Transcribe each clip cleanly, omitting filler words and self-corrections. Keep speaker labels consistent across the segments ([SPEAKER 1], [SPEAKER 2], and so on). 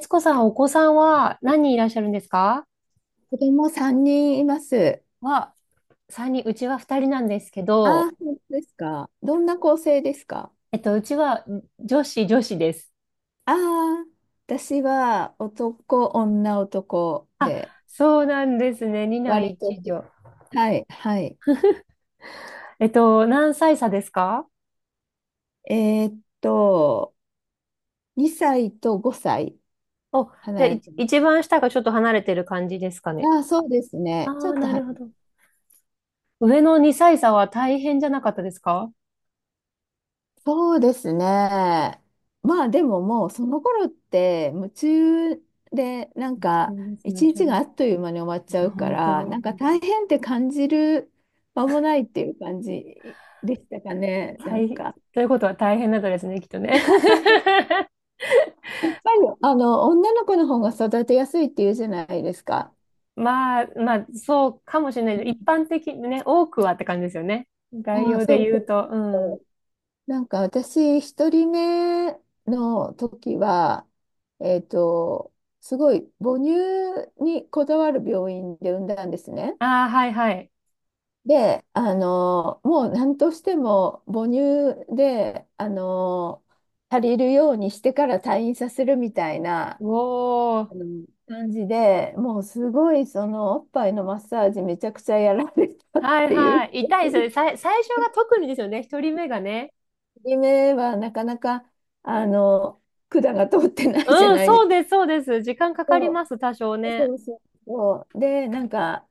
[SPEAKER 1] つこさん、お子さんは何
[SPEAKER 2] 子
[SPEAKER 1] 人いらっしゃるんですか？
[SPEAKER 2] 供3人います。
[SPEAKER 1] は、三人、うちは二人なんですけど、
[SPEAKER 2] ああ、本当ですか。どんな構成ですか？
[SPEAKER 1] うちは女子、女子です。
[SPEAKER 2] ああ、私は男、女、男で、
[SPEAKER 1] そうなんですね。二男
[SPEAKER 2] 割
[SPEAKER 1] 一
[SPEAKER 2] と、
[SPEAKER 1] 女。
[SPEAKER 2] はい、はい。
[SPEAKER 1] 何歳差ですか？
[SPEAKER 2] えーっと、2歳と5歳
[SPEAKER 1] お、じゃあ、
[SPEAKER 2] 離れ
[SPEAKER 1] い
[SPEAKER 2] てます。
[SPEAKER 1] 一番下がちょっと離れてる感じですかね。
[SPEAKER 2] ああ、そうです
[SPEAKER 1] あ
[SPEAKER 2] ね。ちょ
[SPEAKER 1] あ、
[SPEAKER 2] っと
[SPEAKER 1] な
[SPEAKER 2] 離
[SPEAKER 1] るほど。上の2歳差は大変じゃなかったですか？
[SPEAKER 2] そうですね。まあでももうその頃って夢中で
[SPEAKER 1] そうですね、そう
[SPEAKER 2] 一
[SPEAKER 1] です
[SPEAKER 2] 日が
[SPEAKER 1] ね。
[SPEAKER 2] あっという間に終わっちゃうか
[SPEAKER 1] 本当
[SPEAKER 2] ら
[SPEAKER 1] に、本当
[SPEAKER 2] 大変って感じる間もないっていう感じでしたか
[SPEAKER 1] に。
[SPEAKER 2] ね。なん
[SPEAKER 1] 大変、
[SPEAKER 2] か
[SPEAKER 1] ということは大変だったですね、きっとね。
[SPEAKER 2] やっぱりあの女の子の方が育てやすいっていうじゃないですか。
[SPEAKER 1] まあ、そうかもしれ
[SPEAKER 2] う
[SPEAKER 1] ない。一
[SPEAKER 2] ん、
[SPEAKER 1] 般的にね、多くはって感じですよね。概
[SPEAKER 2] ああ、
[SPEAKER 1] 要で
[SPEAKER 2] そう
[SPEAKER 1] 言う
[SPEAKER 2] そ
[SPEAKER 1] と、うん。
[SPEAKER 2] う。なんか私、一人目の時は、えっと、すごい母乳にこだわる病院で産んだんですね。
[SPEAKER 1] ああ、はいはい。
[SPEAKER 2] で、あの、もう何としても母乳で、あの、足りるようにしてから退院させるみたいな
[SPEAKER 1] お
[SPEAKER 2] あ
[SPEAKER 1] ー。
[SPEAKER 2] の感じで、もうすごいそのおっぱいのマッサージめちゃくちゃやられたっ
[SPEAKER 1] はい
[SPEAKER 2] ていう。
[SPEAKER 1] はい。痛いですよね。最初が特にですよね。一人目がね。
[SPEAKER 2] 夢はなかなか、あの、管が通ってないじゃ
[SPEAKER 1] うん、
[SPEAKER 2] ないです
[SPEAKER 1] そう
[SPEAKER 2] か。
[SPEAKER 1] です、そうです。時間かかり
[SPEAKER 2] そ
[SPEAKER 1] ます、多少
[SPEAKER 2] う、
[SPEAKER 1] ね。
[SPEAKER 2] そうそうそう。で、なんか、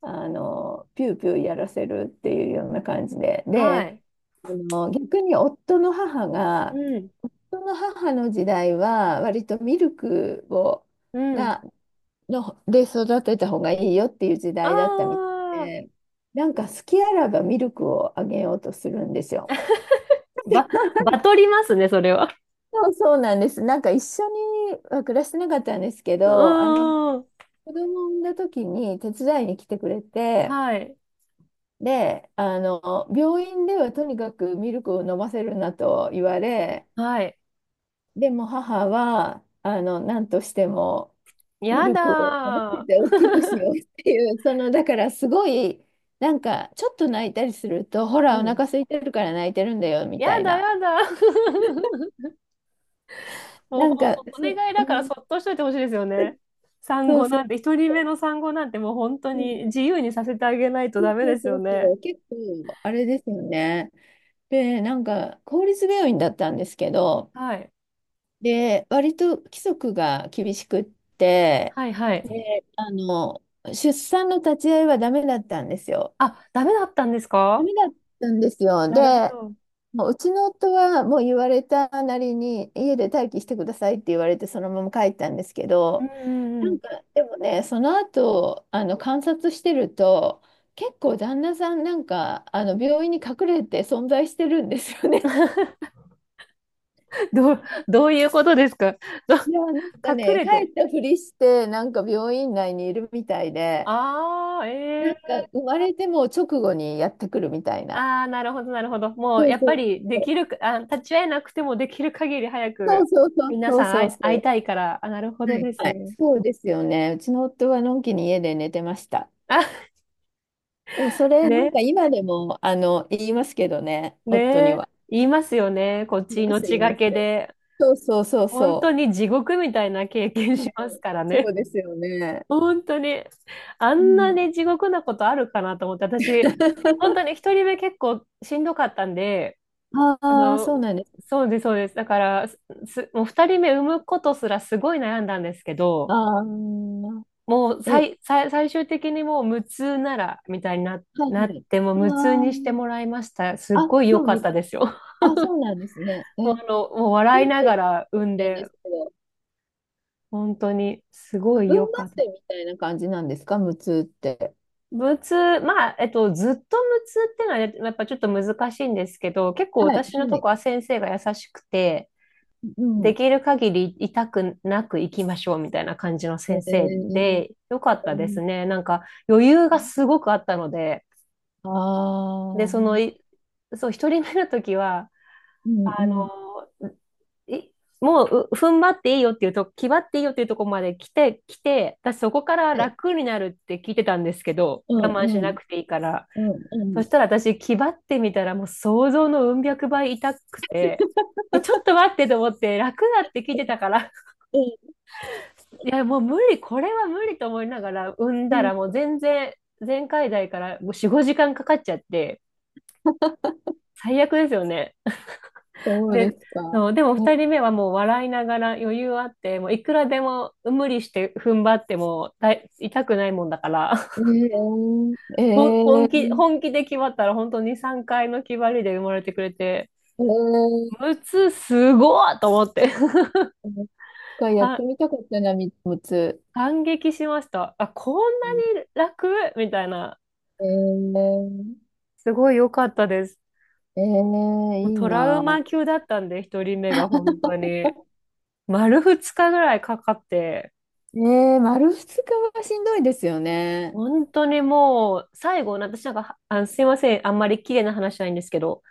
[SPEAKER 2] あの、ピューピューやらせるっていうような感じで。
[SPEAKER 1] は
[SPEAKER 2] で、
[SPEAKER 1] い。
[SPEAKER 2] あの、逆に夫の母が、
[SPEAKER 1] うん、
[SPEAKER 2] 夫の母の時代は、割とミルクを、
[SPEAKER 1] うん。
[SPEAKER 2] が、の、で育てた方がいいよっていう時
[SPEAKER 1] あ
[SPEAKER 2] 代だったみたい
[SPEAKER 1] あ、
[SPEAKER 2] で、なんか好きあらばミルクをあげようとするんですよ。
[SPEAKER 1] ば、バトりますね、それは。
[SPEAKER 2] そうそうなんです。なんか一緒には暮らしてなかったんですけ
[SPEAKER 1] う
[SPEAKER 2] ど、あの
[SPEAKER 1] ーん。
[SPEAKER 2] 子供を産んだ時に手伝いに来てくれて、
[SPEAKER 1] はい、
[SPEAKER 2] で、あの病院ではとにかくミルクを飲ませるなと言われ、
[SPEAKER 1] はい。
[SPEAKER 2] でも母はあの何としてもミ
[SPEAKER 1] や
[SPEAKER 2] ルクを飲ませ
[SPEAKER 1] だ
[SPEAKER 2] て大
[SPEAKER 1] ー。
[SPEAKER 2] きくしようっていう、そのだからすごいなんかちょっと泣いたりすると、ほ
[SPEAKER 1] う
[SPEAKER 2] らお腹
[SPEAKER 1] ん。
[SPEAKER 2] 空いてるから泣いてるんだよみ
[SPEAKER 1] や
[SPEAKER 2] たい
[SPEAKER 1] だ、
[SPEAKER 2] な、
[SPEAKER 1] やだ。もう
[SPEAKER 2] な
[SPEAKER 1] ほん
[SPEAKER 2] んか
[SPEAKER 1] とお
[SPEAKER 2] そ、
[SPEAKER 1] 願い
[SPEAKER 2] う
[SPEAKER 1] だから
[SPEAKER 2] ん、
[SPEAKER 1] そっとしといてほしいですよね。産
[SPEAKER 2] そう
[SPEAKER 1] 後
[SPEAKER 2] そ
[SPEAKER 1] な
[SPEAKER 2] う。
[SPEAKER 1] んて、一人目の産後なんてもう本当に自由にさせてあげないとダメ
[SPEAKER 2] そ
[SPEAKER 1] で
[SPEAKER 2] う
[SPEAKER 1] す
[SPEAKER 2] そ
[SPEAKER 1] よ
[SPEAKER 2] う
[SPEAKER 1] ね。
[SPEAKER 2] そう、結構、あれですよね。で、なんか、公立病院だったんですけど、
[SPEAKER 1] はい。
[SPEAKER 2] で、割と規則が厳しくって、
[SPEAKER 1] はいはい。
[SPEAKER 2] で、あの、出産の立ち会いはダメだったんですよ。
[SPEAKER 1] あ、ダメだったんです
[SPEAKER 2] ダ
[SPEAKER 1] か？
[SPEAKER 2] メだったんですよ。で、
[SPEAKER 1] なるほど。
[SPEAKER 2] もううちの夫はもう言われたなりに家で待機してくださいって言われてそのまま帰ったんですけ
[SPEAKER 1] うん
[SPEAKER 2] ど、
[SPEAKER 1] うんう
[SPEAKER 2] なん
[SPEAKER 1] ん。
[SPEAKER 2] かでもねその後あの観察してると結構旦那さんなんかあの病院に隠れて存在してるんですよね。
[SPEAKER 1] どういうことですか？ど
[SPEAKER 2] いやなんか
[SPEAKER 1] 隠
[SPEAKER 2] ね
[SPEAKER 1] れ
[SPEAKER 2] 帰
[SPEAKER 1] て。
[SPEAKER 2] ったふりしてなんか病院内にいるみたいで、
[SPEAKER 1] あ
[SPEAKER 2] な
[SPEAKER 1] あ、
[SPEAKER 2] ん
[SPEAKER 1] ええ。
[SPEAKER 2] か生まれても直後にやってくるみたいな。
[SPEAKER 1] ああー、なるほど。もう、
[SPEAKER 2] そう
[SPEAKER 1] やっ
[SPEAKER 2] そ
[SPEAKER 1] ぱ
[SPEAKER 2] う
[SPEAKER 1] り、で
[SPEAKER 2] そ
[SPEAKER 1] き
[SPEAKER 2] う
[SPEAKER 1] るか、あ、立ち会えなくてもできる限り早
[SPEAKER 2] そ
[SPEAKER 1] く、
[SPEAKER 2] うそうそう
[SPEAKER 1] 皆
[SPEAKER 2] そう
[SPEAKER 1] さん
[SPEAKER 2] そ
[SPEAKER 1] 会
[SPEAKER 2] う
[SPEAKER 1] い、
[SPEAKER 2] そ
[SPEAKER 1] 会いた
[SPEAKER 2] う。
[SPEAKER 1] いから、あ、なるほ
[SPEAKER 2] は
[SPEAKER 1] ど
[SPEAKER 2] い、
[SPEAKER 1] です
[SPEAKER 2] はい、
[SPEAKER 1] ね。
[SPEAKER 2] そうですよね。うちの夫はのんきに家で寝てました。
[SPEAKER 1] あ、
[SPEAKER 2] でもそれ、なん
[SPEAKER 1] ね。
[SPEAKER 2] か今でも、あの、言いますけどね、夫に
[SPEAKER 1] ね。え、
[SPEAKER 2] は。
[SPEAKER 1] 言いますよね。こっ
[SPEAKER 2] 言い
[SPEAKER 1] ち
[SPEAKER 2] ます、言
[SPEAKER 1] 命
[SPEAKER 2] い
[SPEAKER 1] が
[SPEAKER 2] ます。
[SPEAKER 1] けで。
[SPEAKER 2] そうそうそう
[SPEAKER 1] 本当
[SPEAKER 2] そ
[SPEAKER 1] に地獄みたいな経
[SPEAKER 2] う。
[SPEAKER 1] 験
[SPEAKER 2] う
[SPEAKER 1] し
[SPEAKER 2] ん、
[SPEAKER 1] ますから
[SPEAKER 2] そう
[SPEAKER 1] ね。
[SPEAKER 2] ですよね。
[SPEAKER 1] 本当に。あ
[SPEAKER 2] う
[SPEAKER 1] んな
[SPEAKER 2] ん、
[SPEAKER 1] に地獄なことあるかなと思って、私、本当に一人目結構しんどかったんで、あ
[SPEAKER 2] ああ、
[SPEAKER 1] の、
[SPEAKER 2] そうなんです。
[SPEAKER 1] そうです。だから、もう二人目産むことすらすごい悩んだんですけど、
[SPEAKER 2] ああ、
[SPEAKER 1] もう
[SPEAKER 2] え、
[SPEAKER 1] 最終的にもう無痛なら、みたいにな、
[SPEAKER 2] はい
[SPEAKER 1] な
[SPEAKER 2] は
[SPEAKER 1] っ
[SPEAKER 2] い。
[SPEAKER 1] て、もう無痛にし
[SPEAKER 2] あ
[SPEAKER 1] てもらいました。すっ
[SPEAKER 2] あ、あ、
[SPEAKER 1] ごい良
[SPEAKER 2] そう、
[SPEAKER 1] かっ
[SPEAKER 2] 似
[SPEAKER 1] た
[SPEAKER 2] た。
[SPEAKER 1] ですよ。
[SPEAKER 2] あ、そうなんですね。え、
[SPEAKER 1] もう
[SPEAKER 2] 無
[SPEAKER 1] 笑い
[SPEAKER 2] 痛っ
[SPEAKER 1] なが
[SPEAKER 2] て
[SPEAKER 1] ら産ん
[SPEAKER 2] ないんで
[SPEAKER 1] で、
[SPEAKER 2] すけど、
[SPEAKER 1] 本当にす
[SPEAKER 2] 部
[SPEAKER 1] ごい
[SPEAKER 2] 分
[SPEAKER 1] 良か
[SPEAKER 2] 麻
[SPEAKER 1] った。
[SPEAKER 2] 酔みたいな感じなんですか、無痛って。
[SPEAKER 1] 無痛、まあ、ずっと無痛ってのはねやっぱちょっと難しいんですけど、結構
[SPEAKER 2] はい、
[SPEAKER 1] 私の
[SPEAKER 2] は
[SPEAKER 1] と
[SPEAKER 2] い。
[SPEAKER 1] こは先生が優しくて、
[SPEAKER 2] う
[SPEAKER 1] で
[SPEAKER 2] ん。
[SPEAKER 1] きる限り痛くなく行きましょうみたいな感じの
[SPEAKER 2] え
[SPEAKER 1] 先生
[SPEAKER 2] ー、
[SPEAKER 1] で、良かった
[SPEAKER 2] こ
[SPEAKER 1] で
[SPEAKER 2] ん
[SPEAKER 1] すね。なんか余裕がすごくあったので、
[SPEAKER 2] あ
[SPEAKER 1] で、その、
[SPEAKER 2] あ、
[SPEAKER 1] いそう、一人目の時は、
[SPEAKER 2] う
[SPEAKER 1] あ
[SPEAKER 2] んうん。
[SPEAKER 1] の、いもう、踏ん張っていいよっていうと、気張っていいよっていうところまで来て、私そこから
[SPEAKER 2] はい。
[SPEAKER 1] 楽になるって聞いてたんですけど、
[SPEAKER 2] うん
[SPEAKER 1] 我慢し
[SPEAKER 2] う
[SPEAKER 1] な
[SPEAKER 2] ん。
[SPEAKER 1] くていいから。
[SPEAKER 2] うんう
[SPEAKER 1] そ
[SPEAKER 2] ん。
[SPEAKER 1] したら私、気張ってみたらもう想像のうん百倍痛くて、え、ちょっと待ってと思って、楽だって聞いてたから、
[SPEAKER 2] うん
[SPEAKER 1] いや、もう無理、これは無理と思いながら、産ん
[SPEAKER 2] う
[SPEAKER 1] だ
[SPEAKER 2] ん。
[SPEAKER 1] らもう全然、前回代からもう4、5時間かかっちゃって、最悪ですよね。
[SPEAKER 2] そうで
[SPEAKER 1] で、
[SPEAKER 2] すか。
[SPEAKER 1] そう、でも2人目はもう笑いながら余裕あって、もういくらでも無理して踏ん張ってもだい痛くないもんだから、
[SPEAKER 2] ええー、え
[SPEAKER 1] ほん本気、
[SPEAKER 2] ー、え
[SPEAKER 1] 本気で決まったら本当に3回の決まりで生まれてくれて、
[SPEAKER 2] ー、
[SPEAKER 1] むつすごいと思って、
[SPEAKER 2] えー、一回やっ
[SPEAKER 1] あ、
[SPEAKER 2] てみたかったな、三つ。
[SPEAKER 1] 感激しました。あ、こん
[SPEAKER 2] うん、
[SPEAKER 1] なに楽みたいな。
[SPEAKER 2] えー、
[SPEAKER 1] すごい良かったです。もう
[SPEAKER 2] いい
[SPEAKER 1] トラウ
[SPEAKER 2] な。
[SPEAKER 1] マ級だったんで、1人目が本当に。丸2日ぐらいかかって、
[SPEAKER 2] えー、丸二日はしんどいですよね。
[SPEAKER 1] 本当にもう、最後、私なんか、あの、すいません、あんまり綺麗な話じゃないんですけど、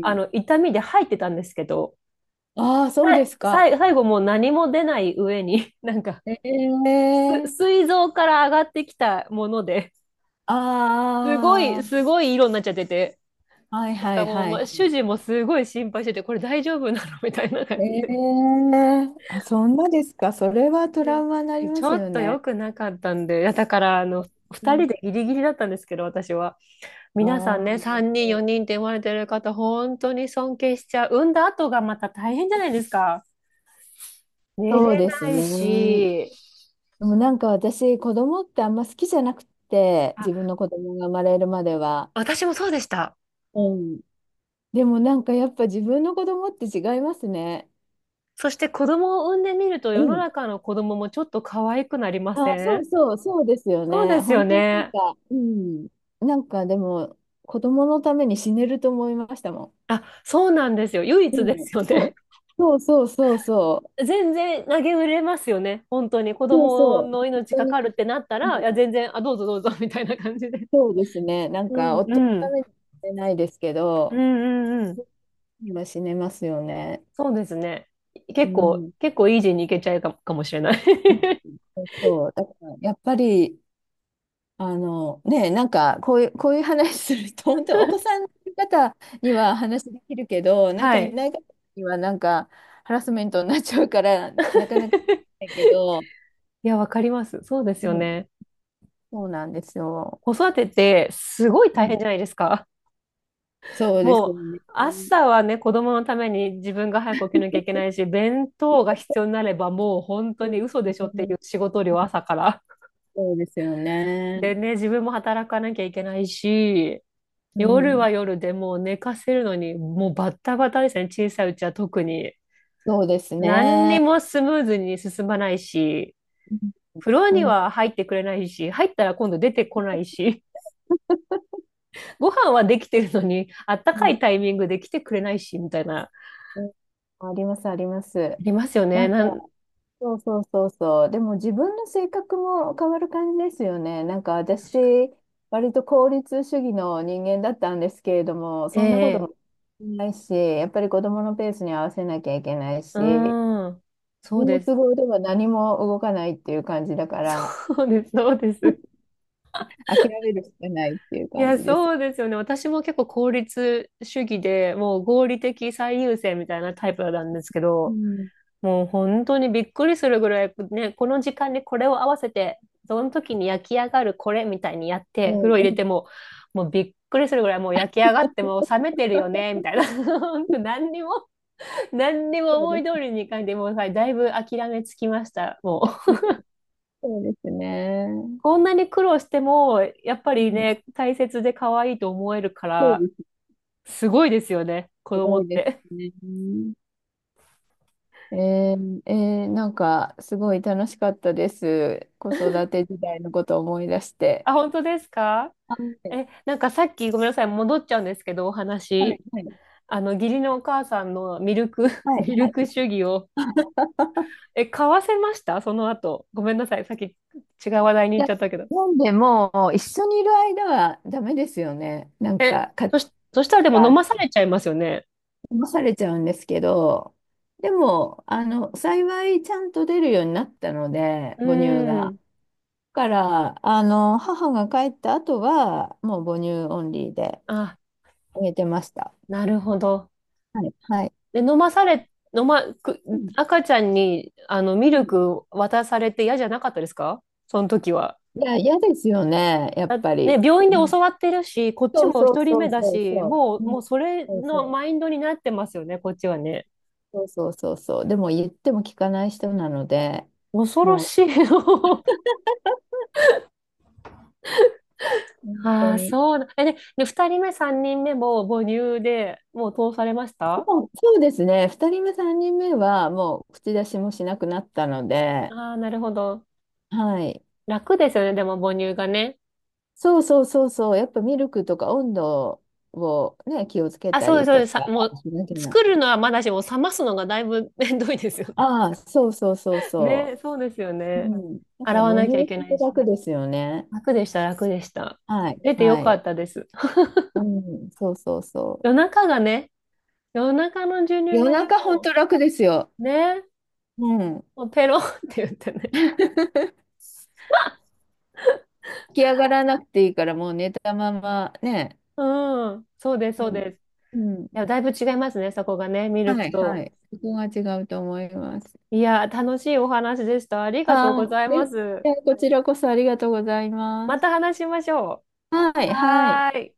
[SPEAKER 1] あの、
[SPEAKER 2] え、
[SPEAKER 1] 痛みで入ってたんですけど、
[SPEAKER 2] ああそうですか。
[SPEAKER 1] 最後もう何も出ない上に、なんか、
[SPEAKER 2] ええ
[SPEAKER 1] す、
[SPEAKER 2] ー、
[SPEAKER 1] 膵臓から上がってきたもので、
[SPEAKER 2] あ
[SPEAKER 1] すごい色になっちゃってて、
[SPEAKER 2] あ、はい
[SPEAKER 1] なん
[SPEAKER 2] は
[SPEAKER 1] か
[SPEAKER 2] い
[SPEAKER 1] もう、
[SPEAKER 2] はい
[SPEAKER 1] ま、
[SPEAKER 2] は
[SPEAKER 1] 主
[SPEAKER 2] い。
[SPEAKER 1] 人もすごい心配してて、これ大丈夫なのみたいな感じで。
[SPEAKER 2] ええ、あ、そんなですか。それはト
[SPEAKER 1] う
[SPEAKER 2] ラ
[SPEAKER 1] ん、
[SPEAKER 2] ウマになり
[SPEAKER 1] ち
[SPEAKER 2] ます
[SPEAKER 1] ょっ
[SPEAKER 2] よ
[SPEAKER 1] と良
[SPEAKER 2] ね。
[SPEAKER 1] くなかったんで、いやだから、あの、
[SPEAKER 2] う
[SPEAKER 1] 二人
[SPEAKER 2] ん、
[SPEAKER 1] でギリギリだったんですけど、私は。
[SPEAKER 2] あ
[SPEAKER 1] 皆さん
[SPEAKER 2] あ、
[SPEAKER 1] ね、3人、4人って生まれてる方、本当に尊敬しちゃう。産んだ後がまた大変じゃないですか。寝
[SPEAKER 2] そう
[SPEAKER 1] れ
[SPEAKER 2] です
[SPEAKER 1] ない
[SPEAKER 2] ね。
[SPEAKER 1] し。
[SPEAKER 2] でもなんか私、子供ってあんま好きじゃなくて、自分
[SPEAKER 1] あ、
[SPEAKER 2] の子供が生まれるまでは。
[SPEAKER 1] 私もそうでした。
[SPEAKER 2] うん、でもなんかやっぱ自分の子供って違いますね。
[SPEAKER 1] そして子供を産んでみると
[SPEAKER 2] う
[SPEAKER 1] 世の
[SPEAKER 2] ん、
[SPEAKER 1] 中の子供もちょっと可愛くなりま
[SPEAKER 2] あ、
[SPEAKER 1] せ
[SPEAKER 2] そ
[SPEAKER 1] ん？
[SPEAKER 2] うそう、そうですよ
[SPEAKER 1] そうで
[SPEAKER 2] ね。
[SPEAKER 1] すよ
[SPEAKER 2] 本当になん
[SPEAKER 1] ね。
[SPEAKER 2] か、うん。なんかでも、子供のために死ねると思いましたも
[SPEAKER 1] あ、そうなんですよ。唯一で
[SPEAKER 2] ん。うん、
[SPEAKER 1] すよね。
[SPEAKER 2] そう、そうそうそうそう。
[SPEAKER 1] 全然投げ売れますよね。本当に子
[SPEAKER 2] そう
[SPEAKER 1] 供
[SPEAKER 2] そう、
[SPEAKER 1] の
[SPEAKER 2] 本
[SPEAKER 1] 命
[SPEAKER 2] 当
[SPEAKER 1] か
[SPEAKER 2] に、
[SPEAKER 1] かるってなった
[SPEAKER 2] う
[SPEAKER 1] ら、いや、
[SPEAKER 2] ん、
[SPEAKER 1] 全然、あ、どうぞどうぞみたいな感じで。
[SPEAKER 2] そうですね。なん
[SPEAKER 1] う
[SPEAKER 2] か、
[SPEAKER 1] ん、
[SPEAKER 2] 夫の
[SPEAKER 1] う
[SPEAKER 2] た
[SPEAKER 1] ん、
[SPEAKER 2] めには死ねないですけ
[SPEAKER 1] うん、
[SPEAKER 2] ど、
[SPEAKER 1] うん、うん。
[SPEAKER 2] 今死ねますよね。
[SPEAKER 1] そうですね。
[SPEAKER 2] う
[SPEAKER 1] 結構、
[SPEAKER 2] ん。
[SPEAKER 1] 結構イージーにいけちゃうかもしれない。
[SPEAKER 2] そう、だからやっぱり、あの、ね、なんか、こういう、こういう話すると、本当にお子さんの方には話できるけど、なんか
[SPEAKER 1] は
[SPEAKER 2] い
[SPEAKER 1] い。
[SPEAKER 2] ない方には、なんか、ハラスメントになっちゃうから、なかなかできないけど、
[SPEAKER 1] いや、わかります。そうです
[SPEAKER 2] う
[SPEAKER 1] よ
[SPEAKER 2] ん、
[SPEAKER 1] ね。
[SPEAKER 2] そうなんですよ。
[SPEAKER 1] 子育てってすごい
[SPEAKER 2] う
[SPEAKER 1] 大変
[SPEAKER 2] ん、
[SPEAKER 1] じゃないですか。
[SPEAKER 2] そうです
[SPEAKER 1] もう、
[SPEAKER 2] よね。
[SPEAKER 1] 朝はね、子供のために自分が早く起きなきゃいけないし、弁当が必要になればもう本当
[SPEAKER 2] そ
[SPEAKER 1] に
[SPEAKER 2] う
[SPEAKER 1] 嘘
[SPEAKER 2] で
[SPEAKER 1] でしょっ
[SPEAKER 2] す
[SPEAKER 1] てい
[SPEAKER 2] ね。
[SPEAKER 1] う仕事量朝から。
[SPEAKER 2] そうですよね。
[SPEAKER 1] でね、自分も働かなきゃいけないし、
[SPEAKER 2] う
[SPEAKER 1] 夜
[SPEAKER 2] ん、
[SPEAKER 1] は夜でもう寝かせるのに、もうバッタバタですね。小さいうちは特に。
[SPEAKER 2] そうです
[SPEAKER 1] 何に
[SPEAKER 2] ね。
[SPEAKER 1] もスムーズに進まないし、
[SPEAKER 2] う
[SPEAKER 1] フロアに
[SPEAKER 2] ん、うん、
[SPEAKER 1] は入ってくれないし、入ったら今度出てこないし、ご飯はできてるのに、あったかい
[SPEAKER 2] う
[SPEAKER 1] タイミングで来てくれないし、みたいな、あ
[SPEAKER 2] ん、あります、あります。
[SPEAKER 1] りますよ
[SPEAKER 2] な
[SPEAKER 1] ね。
[SPEAKER 2] んか、
[SPEAKER 1] なん、
[SPEAKER 2] そうそうそうそう。でも自分の性格も変わる感じですよね。なんか私、割と効率主義の人間だったんですけれども、
[SPEAKER 1] え
[SPEAKER 2] そんなこと
[SPEAKER 1] え、
[SPEAKER 2] もないし、やっぱり子供のペースに合わせなきゃいけない
[SPEAKER 1] う
[SPEAKER 2] し、
[SPEAKER 1] ーん、
[SPEAKER 2] 自
[SPEAKER 1] そう
[SPEAKER 2] 分の
[SPEAKER 1] です。
[SPEAKER 2] 都合では何も動かないっていう感じだから、
[SPEAKER 1] そうです。
[SPEAKER 2] 諦めるしかないっていう
[SPEAKER 1] い
[SPEAKER 2] 感
[SPEAKER 1] や、
[SPEAKER 2] じです。
[SPEAKER 1] そうですよね。私も結構効率主義で、もう合理的最優先みたいなタイプなんですけ
[SPEAKER 2] う
[SPEAKER 1] ど、
[SPEAKER 2] ん、
[SPEAKER 1] もう本当にびっくりするぐらい、ね、この時間にこれを合わせて、その時に焼き上がるこれみたいにやっ
[SPEAKER 2] う
[SPEAKER 1] て、
[SPEAKER 2] ん、
[SPEAKER 1] 風呂入れ
[SPEAKER 2] う
[SPEAKER 1] て
[SPEAKER 2] ん。
[SPEAKER 1] も、もうびっくりするぐらい、もう焼き上がってもう冷めてるよね、みたいな。本当何にも、何にも
[SPEAKER 2] そう
[SPEAKER 1] 思
[SPEAKER 2] で
[SPEAKER 1] い通
[SPEAKER 2] す、
[SPEAKER 1] りにいかんで、もうさ、だいぶ諦めつきました、もう。
[SPEAKER 2] そうですね。
[SPEAKER 1] こんなに苦労しても、やっぱ
[SPEAKER 2] う
[SPEAKER 1] り
[SPEAKER 2] ん、
[SPEAKER 1] ね、大切で可愛いと思えるか
[SPEAKER 2] そう
[SPEAKER 1] ら、
[SPEAKER 2] です。
[SPEAKER 1] すごいですよね、子
[SPEAKER 2] す
[SPEAKER 1] 供
[SPEAKER 2] ご
[SPEAKER 1] っ
[SPEAKER 2] いです
[SPEAKER 1] て。
[SPEAKER 2] ね。えなんか、すごい楽しかったです。子育て時代のことを思い出して。
[SPEAKER 1] あ、本当ですか？
[SPEAKER 2] はい、
[SPEAKER 1] え、なんかさっきごめんなさい、戻っちゃうんですけど、お
[SPEAKER 2] はい、
[SPEAKER 1] 話。
[SPEAKER 2] はい。
[SPEAKER 1] あの、義理のお母さんのミルク、
[SPEAKER 2] はい、
[SPEAKER 1] ミ
[SPEAKER 2] は
[SPEAKER 1] ル
[SPEAKER 2] い。
[SPEAKER 1] ク主義を、え、買わせましたその後。ごめんなさい。さっき違う話題に
[SPEAKER 2] い
[SPEAKER 1] 行っ
[SPEAKER 2] や、
[SPEAKER 1] ちゃったけど。
[SPEAKER 2] なんでも、一緒にいる間はダメですよね。なん
[SPEAKER 1] え、
[SPEAKER 2] か、家
[SPEAKER 1] そし、そしたらでも
[SPEAKER 2] 庭
[SPEAKER 1] 飲
[SPEAKER 2] が
[SPEAKER 1] まされちゃいますよね。
[SPEAKER 2] 騙されちゃうんですけど、でも、あの、幸いちゃんと出るようになったので、
[SPEAKER 1] う
[SPEAKER 2] 母乳
[SPEAKER 1] ー
[SPEAKER 2] が。
[SPEAKER 1] ん。
[SPEAKER 2] だから、あの、母が帰った後は、もう母乳オンリーで。
[SPEAKER 1] あ、
[SPEAKER 2] 見えてました。
[SPEAKER 1] なるほど。
[SPEAKER 2] はい。はい。
[SPEAKER 1] で、飲まされ、飲ま、く、
[SPEAKER 2] うん。
[SPEAKER 1] 赤ちゃんに、あの、
[SPEAKER 2] う
[SPEAKER 1] ミル
[SPEAKER 2] ん、
[SPEAKER 1] ク渡されて嫌じゃなかったですかその時は。
[SPEAKER 2] いや、嫌ですよね、やっ
[SPEAKER 1] だね、
[SPEAKER 2] ぱり。
[SPEAKER 1] 病院
[SPEAKER 2] う
[SPEAKER 1] で
[SPEAKER 2] ん、
[SPEAKER 1] 教わってるし、こっち
[SPEAKER 2] そう
[SPEAKER 1] も
[SPEAKER 2] そう
[SPEAKER 1] 一人
[SPEAKER 2] そ
[SPEAKER 1] 目
[SPEAKER 2] う
[SPEAKER 1] だ
[SPEAKER 2] そう
[SPEAKER 1] し、
[SPEAKER 2] そう。うん、
[SPEAKER 1] もうそれ
[SPEAKER 2] そうそ
[SPEAKER 1] のマイ
[SPEAKER 2] う。
[SPEAKER 1] ンドになってますよね、こっちはね。
[SPEAKER 2] そう。でも言っても聞かない人なので、
[SPEAKER 1] 恐ろ
[SPEAKER 2] もう
[SPEAKER 1] しい。
[SPEAKER 2] 本当
[SPEAKER 1] ああ、
[SPEAKER 2] に。
[SPEAKER 1] そうだ。え、で、で、二人目、三人目も母乳でもう通されまし
[SPEAKER 2] で
[SPEAKER 1] た？
[SPEAKER 2] もそうですね。2人目、3人目はもう口出しもしなくなったので、
[SPEAKER 1] ああー、なるほど。
[SPEAKER 2] はい。
[SPEAKER 1] 楽ですよね、でも母乳がね。
[SPEAKER 2] そう。やっぱミルクとか温度をね、気をつけ
[SPEAKER 1] あ、
[SPEAKER 2] た
[SPEAKER 1] そうです、
[SPEAKER 2] り
[SPEAKER 1] そう
[SPEAKER 2] と
[SPEAKER 1] です。さ、
[SPEAKER 2] か
[SPEAKER 1] もう、
[SPEAKER 2] しなきゃな。
[SPEAKER 1] 作るのはまだしも、冷ますのがだいぶ 面倒いですよね。
[SPEAKER 2] ああ、そうそうそう そ
[SPEAKER 1] ね、そうですよ
[SPEAKER 2] う。
[SPEAKER 1] ね。
[SPEAKER 2] うん。だか
[SPEAKER 1] 洗
[SPEAKER 2] ら
[SPEAKER 1] わ
[SPEAKER 2] 母
[SPEAKER 1] なきゃ
[SPEAKER 2] 乳
[SPEAKER 1] いけ
[SPEAKER 2] っ
[SPEAKER 1] な
[SPEAKER 2] て
[SPEAKER 1] いし。
[SPEAKER 2] 楽ですよね。
[SPEAKER 1] 楽でした。
[SPEAKER 2] はい。
[SPEAKER 1] 出てよ
[SPEAKER 2] は
[SPEAKER 1] か
[SPEAKER 2] い。
[SPEAKER 1] ったです。
[SPEAKER 2] うん。そうそうそ
[SPEAKER 1] 夜中がね、夜中の授
[SPEAKER 2] う。
[SPEAKER 1] 乳
[SPEAKER 2] 夜
[SPEAKER 1] がも
[SPEAKER 2] 中ほんと楽ですよ。
[SPEAKER 1] う、ね、
[SPEAKER 2] うん。
[SPEAKER 1] もうペロンって言ってね。
[SPEAKER 2] 起き上がらなくていいから、もう寝たままね。
[SPEAKER 1] うん、そうです、
[SPEAKER 2] う
[SPEAKER 1] そう
[SPEAKER 2] ん。
[SPEAKER 1] です。い
[SPEAKER 2] うん。
[SPEAKER 1] や、だいぶ違いますね、そこがね、ミ
[SPEAKER 2] は
[SPEAKER 1] ルク
[SPEAKER 2] い、は
[SPEAKER 1] と。
[SPEAKER 2] い。そこが違うと思います。
[SPEAKER 1] いや、楽しいお話でした。ありがとう
[SPEAKER 2] あ
[SPEAKER 1] ご
[SPEAKER 2] あ、
[SPEAKER 1] ざいま
[SPEAKER 2] で、
[SPEAKER 1] す。
[SPEAKER 2] でこちらこそありがとうございま
[SPEAKER 1] また
[SPEAKER 2] す。
[SPEAKER 1] 話しましょ
[SPEAKER 2] は
[SPEAKER 1] う。
[SPEAKER 2] い、はい。
[SPEAKER 1] はーい。